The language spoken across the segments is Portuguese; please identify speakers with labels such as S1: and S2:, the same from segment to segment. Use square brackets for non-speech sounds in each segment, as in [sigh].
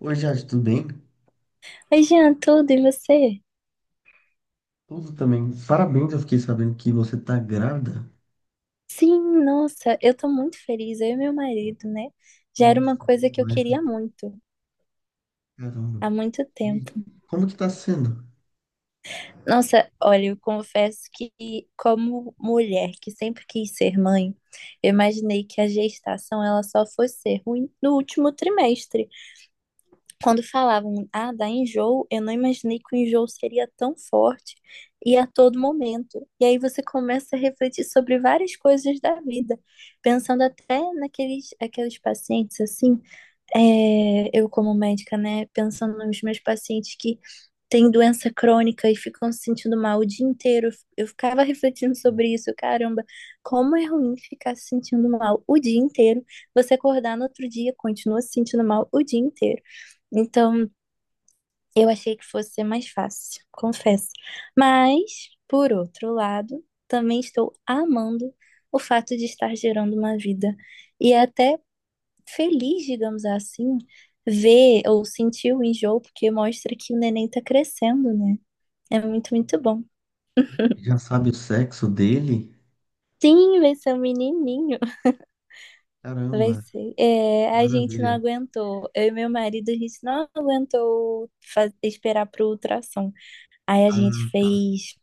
S1: Oi, Jade, tudo bem?
S2: Oi, Jean, tudo e você?
S1: Tudo também. Parabéns, eu fiquei sabendo que você tá grávida.
S2: Sim, nossa, eu tô muito feliz, eu e meu marido, né? Já era uma
S1: Nossa,
S2: coisa que eu
S1: mas
S2: queria muito,
S1: caramba.
S2: há muito
S1: E
S2: tempo.
S1: como que tá sendo?
S2: Nossa, olha, eu confesso que, como mulher que sempre quis ser mãe, eu imaginei que a gestação ela só fosse ser ruim no último trimestre. Quando falavam, ah, dá enjoo, eu não imaginei que o enjoo seria tão forte e a todo momento. E aí você começa a refletir sobre várias coisas da vida, pensando até naqueles aqueles pacientes assim, eu como médica, né, pensando nos meus pacientes que têm doença crônica e ficam se sentindo mal o dia inteiro, eu ficava [laughs] refletindo sobre isso, caramba, como é ruim ficar se sentindo mal o dia inteiro, você acordar no outro dia, continua se sentindo mal o dia inteiro. Então, eu achei que fosse ser mais fácil, confesso. Mas, por outro lado, também estou amando o fato de estar gerando uma vida. E é até feliz, digamos assim, ver ou sentir o enjoo, porque mostra que o neném tá crescendo, né? É muito, muito bom.
S1: Já sabe o sexo dele?
S2: Sim, vai ser um menininho. Vai
S1: Caramba,
S2: ser. É,
S1: que
S2: a gente não
S1: maravilha.
S2: aguentou. Eu e meu marido, a gente não aguentou esperar pro ultrassom. Aí a gente
S1: Ah,
S2: fez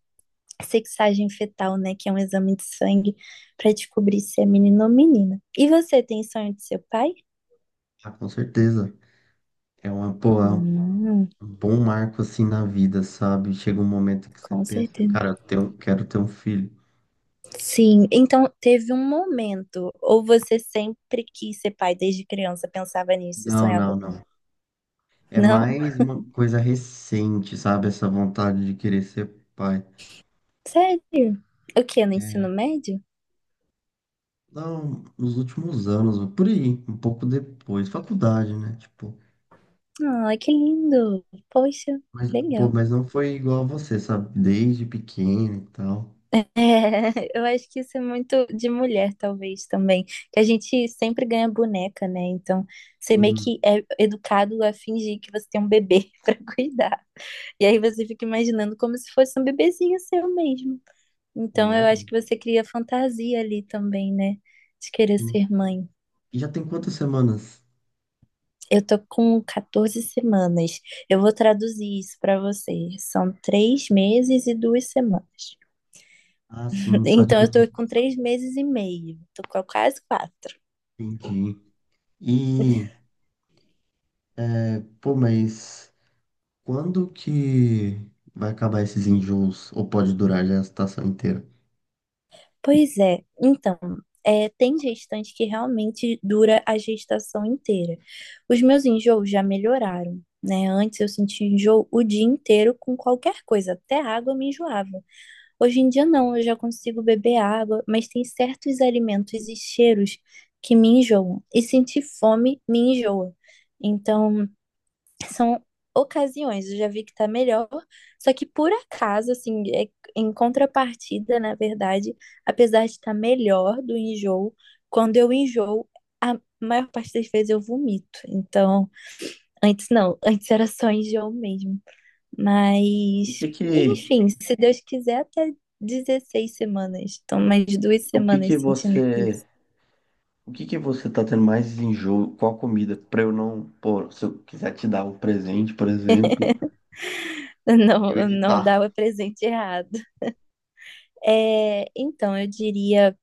S2: sexagem fetal, né? Que é um exame de sangue para descobrir se é menino ou menina. E você tem sonho de seu pai?
S1: ah, com certeza. É uma, pô, é
S2: Hum,
S1: um bom marco assim na vida, sabe? Chega um momento que você
S2: com
S1: pensa,
S2: certeza.
S1: cara, eu tenho- quero ter um filho.
S2: Sim, então teve um momento, ou você sempre quis ser pai desde criança, pensava nisso e
S1: Não,
S2: sonhava
S1: não,
S2: com isso?
S1: não. É
S2: Não,
S1: mais uma coisa recente, sabe? Essa vontade de querer ser pai.
S2: sério? O quê? No ensino
S1: É,
S2: médio?
S1: não, nos últimos anos, por aí, um pouco depois, faculdade, né? Tipo,
S2: Ai, que lindo! Poxa,
S1: mas, pô,
S2: legal.
S1: mas não foi igual a você, sabe? Desde pequeno e tal.
S2: É, [laughs] eu acho que isso é muito de mulher, talvez, também. Que a gente sempre ganha boneca, né? Então, você meio
S1: Hum,
S2: que é educado a fingir que você tem um bebê [laughs] pra cuidar. E aí você fica imaginando como se fosse um bebezinho seu mesmo. Então, eu
S1: merda.
S2: acho que você cria fantasia ali também, né? De querer
S1: Hum.
S2: ser mãe.
S1: E já tem quantas semanas?
S2: Eu tô com 14 semanas. Eu vou traduzir isso pra você. São 3 meses e 2 semanas.
S1: Ah,
S2: [laughs]
S1: sim, só
S2: Então, eu
S1: dividir.
S2: tô com 3 meses e meio. Tô com quase quatro.
S1: Entendi. E, pô, mas quando que vai acabar esses enjoos? Ou pode durar já a estação inteira?
S2: Pois é. Então, tem gestante que realmente dura a gestação inteira. Os meus enjoos já melhoraram. Né? Antes eu sentia enjoo o dia inteiro com qualquer coisa, até água eu me enjoava. Hoje em dia não, eu já consigo beber água, mas tem certos alimentos e cheiros que me enjoam. E sentir fome me enjoa. Então, são ocasiões, eu já vi que tá melhor, só que por acaso, assim, em contrapartida, na verdade, apesar de estar melhor do enjoo, quando eu enjoo, a maior parte das vezes eu vomito. Então, antes não, antes era só enjoo mesmo.
S1: O
S2: Mas,
S1: que que,
S2: enfim, se Deus quiser, até 16 semanas. Então, mais duas
S1: o que que
S2: semanas sentindo
S1: você
S2: isso.
S1: O que que você tá tendo mais enjoo? Qual comida? Pra eu não, pô, se eu quiser te dar um presente, por exemplo,
S2: [laughs] Não,
S1: eu
S2: não
S1: evitar.
S2: dá o presente errado. É, então, eu diria,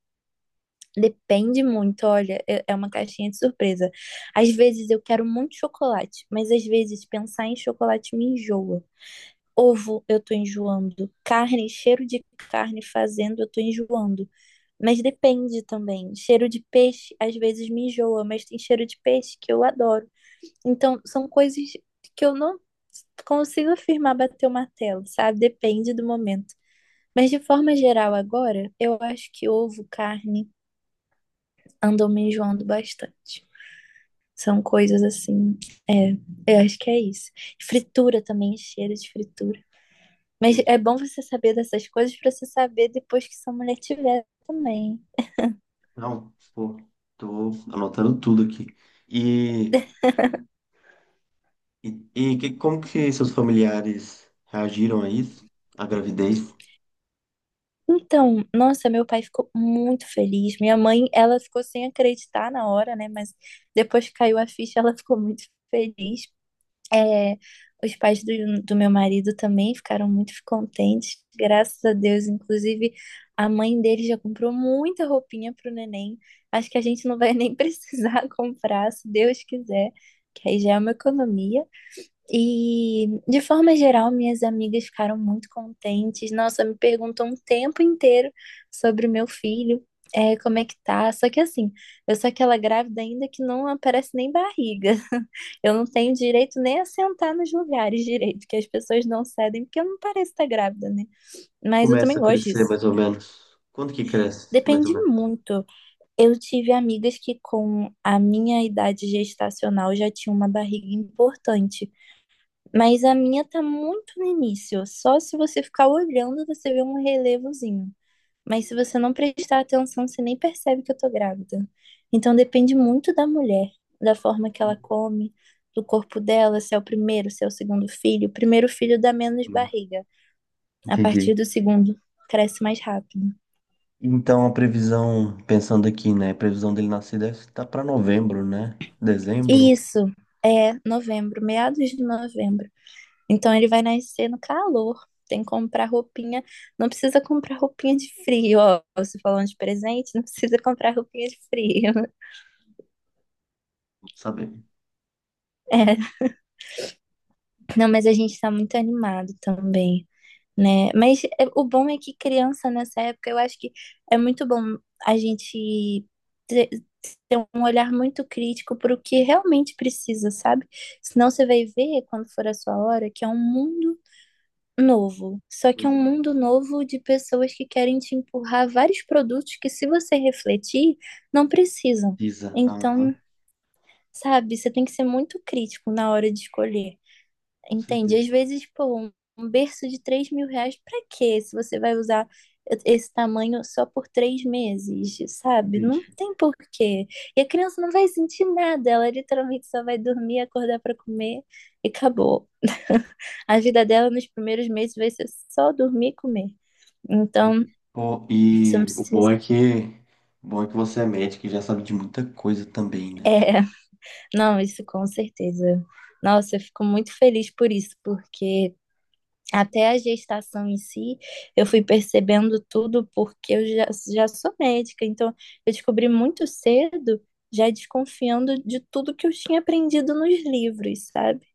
S2: depende muito. Olha, é uma caixinha de surpresa. Às vezes eu quero muito chocolate, mas às vezes pensar em chocolate me enjoa. Ovo, eu tô enjoando. Carne, cheiro de carne fazendo, eu tô enjoando. Mas depende também. Cheiro de peixe, às vezes me enjoa, mas tem cheiro de peixe que eu adoro. Então, são coisas que eu não consigo afirmar bater o martelo, sabe? Depende do momento. Mas de forma geral, agora, eu acho que ovo, carne, andam me enjoando bastante. São coisas assim, é, eu acho que é isso. Fritura também, cheiro de fritura. Mas é
S1: Entendi.
S2: bom você saber dessas coisas pra você saber depois que sua mulher tiver também.
S1: Não, pô, tô anotando tudo aqui. E, e que- como que seus familiares reagiram a isso? A gravidez?
S2: Então, nossa, meu pai ficou muito feliz. Minha mãe, ela ficou sem acreditar na hora, né? Mas depois que caiu a ficha, ela ficou muito feliz. É, os pais do meu marido também ficaram muito contentes, graças a Deus. Inclusive, a mãe dele já comprou muita roupinha pro neném. Acho que a gente não vai nem [laughs] precisar comprar, se Deus quiser, que aí já é uma economia. E, de forma geral, minhas amigas ficaram muito contentes. Nossa, me perguntam o tempo inteiro sobre o meu filho, como é que tá. Só que, assim, eu sou aquela grávida ainda que não aparece nem barriga. [laughs] Eu não tenho direito nem a sentar nos lugares direito, que as pessoas não cedem, porque eu não pareço estar grávida, né? Mas eu também
S1: Começa a
S2: gosto
S1: crescer
S2: disso.
S1: mais ou menos. Quando que cresce, mais ou
S2: Depende
S1: menos?
S2: muito. Eu tive amigas que, com a minha idade gestacional, já tinham uma barriga importante. Mas a minha tá muito no início. Só se você ficar olhando, você vê um relevozinho. Mas se você não prestar atenção, você nem percebe que eu tô grávida. Então depende muito da mulher, da forma que ela come, do corpo dela, se é o primeiro, se é o segundo filho. O primeiro filho dá menos
S1: Hum,
S2: barriga. A partir
S1: Entendi.
S2: do segundo, cresce mais rápido.
S1: Então a previsão, pensando aqui, né? A previsão dele nascer deve estar para novembro, né?
S2: E
S1: Dezembro,
S2: isso é novembro, meados de novembro. Então ele vai nascer no calor. Tem que comprar roupinha. Não precisa comprar roupinha de frio, ó. Você falando de presente, não precisa comprar roupinha de frio. [laughs]
S1: não sabe?
S2: É. Não, mas a gente tá muito animado também, né? Mas é, o bom é que criança nessa época, eu acho que é muito bom a gente ter ter um olhar muito crítico para o que realmente precisa, sabe? Senão você vai ver, quando for a sua hora, que é um mundo novo, só que é um mundo novo de pessoas que querem te empurrar vários produtos que, se você refletir, não precisam.
S1: Pisa. Aham,
S2: Então, sabe, você tem que ser muito crítico na hora de escolher.
S1: com
S2: Entende?
S1: certeza.
S2: Às vezes, pô, um berço de R$ 3.000, pra quê? Se você vai usar esse tamanho só por 3 meses, sabe? Não
S1: Entendi.
S2: tem porquê. E a criança não vai sentir nada, ela literalmente só vai dormir, acordar pra comer e acabou. [laughs] A vida dela nos primeiros meses vai ser só dormir e comer. Então,
S1: Pô,
S2: isso não
S1: e o bom é
S2: precisa.
S1: que, o bom é que você é médico e já sabe de muita coisa também, né?
S2: É, não, isso com certeza. Nossa, eu fico muito feliz por isso, porque até a gestação em si, eu fui percebendo tudo porque eu já sou médica, então eu descobri muito cedo, já desconfiando de tudo que eu tinha aprendido nos livros, sabe?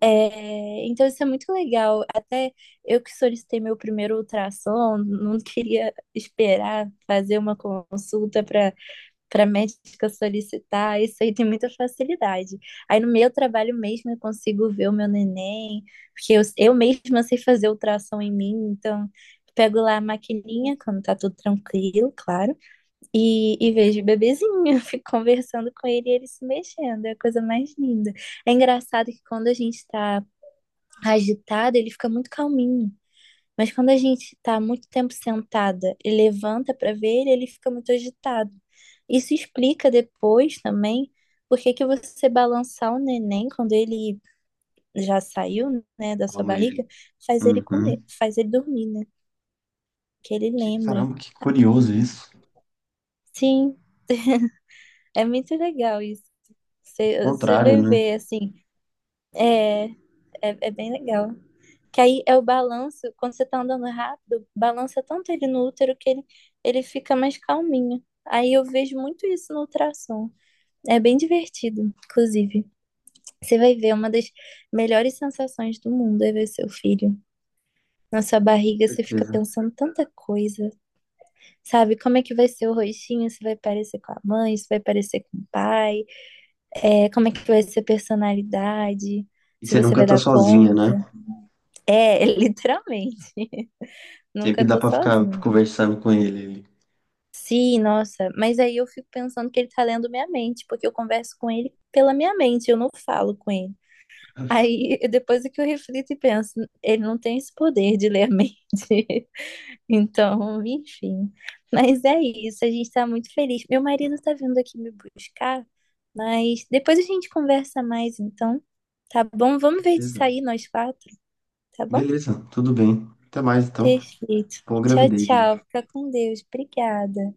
S2: É, então isso é muito legal. Até eu que solicitei meu primeiro ultrassom, não queria esperar fazer uma consulta para médica solicitar, isso aí tem muita facilidade. Aí no meu trabalho mesmo eu consigo ver o meu neném, porque eu mesma sei fazer ultrassom em mim, então pego lá a maquininha, quando tá tudo tranquilo, claro, e vejo o bebezinho, [laughs] fico conversando com ele e ele se mexendo, é a coisa mais linda. É engraçado que quando a gente tá agitado, ele fica muito calminho. Mas quando a gente está muito tempo sentada e levanta para ver ele, ele fica muito agitado. Isso explica depois também por que que você balançar o neném quando ele já saiu, né, da sua
S1: Calma ele.
S2: barriga, faz ele
S1: Uhum.
S2: comer, faz ele dormir, né? Que ele
S1: Que,
S2: lembra.
S1: caramba, que curioso
S2: Então,
S1: isso.
S2: sim, é muito legal isso.
S1: Ao
S2: Você
S1: contrário,
S2: vai
S1: né?
S2: ver, assim, é, é, é bem legal. Que aí é o balanço, quando você tá andando rápido, balança tanto ele no útero que ele fica mais calminho. Aí eu vejo muito isso no ultrassom. É bem divertido, inclusive. Você vai ver uma das melhores sensações do mundo é ver seu filho. Na sua
S1: Com
S2: barriga você fica
S1: certeza.
S2: pensando tanta coisa, sabe? Como é que vai ser o rostinho? Se vai parecer com a mãe, se vai parecer com o pai, como é que vai ser a personalidade,
S1: E
S2: se
S1: você
S2: você
S1: nunca
S2: vai
S1: tá
S2: dar
S1: sozinha,
S2: conta.
S1: né?
S2: É, literalmente. [laughs]
S1: Sempre
S2: Nunca
S1: dá
S2: tô
S1: pra ficar
S2: sozinha.
S1: conversando com ele.
S2: Sim, nossa, mas aí eu fico pensando que ele tá lendo minha mente, porque eu converso com ele pela minha mente, eu não falo com ele.
S1: Com
S2: Aí [laughs] depois é que eu reflito e penso, ele não tem esse poder de ler a mente. [laughs] Então, enfim. Mas é isso, a gente tá muito feliz. Meu marido tá vindo aqui me buscar, mas depois a gente conversa mais, então, tá bom? Vamos ver de
S1: certeza.
S2: sair nós quatro, tá bom?
S1: Beleza, tudo bem. Até mais, então.
S2: Perfeito.
S1: Boa
S2: Tchau,
S1: gravidez, hein?
S2: tchau. Fica com Deus. Obrigada.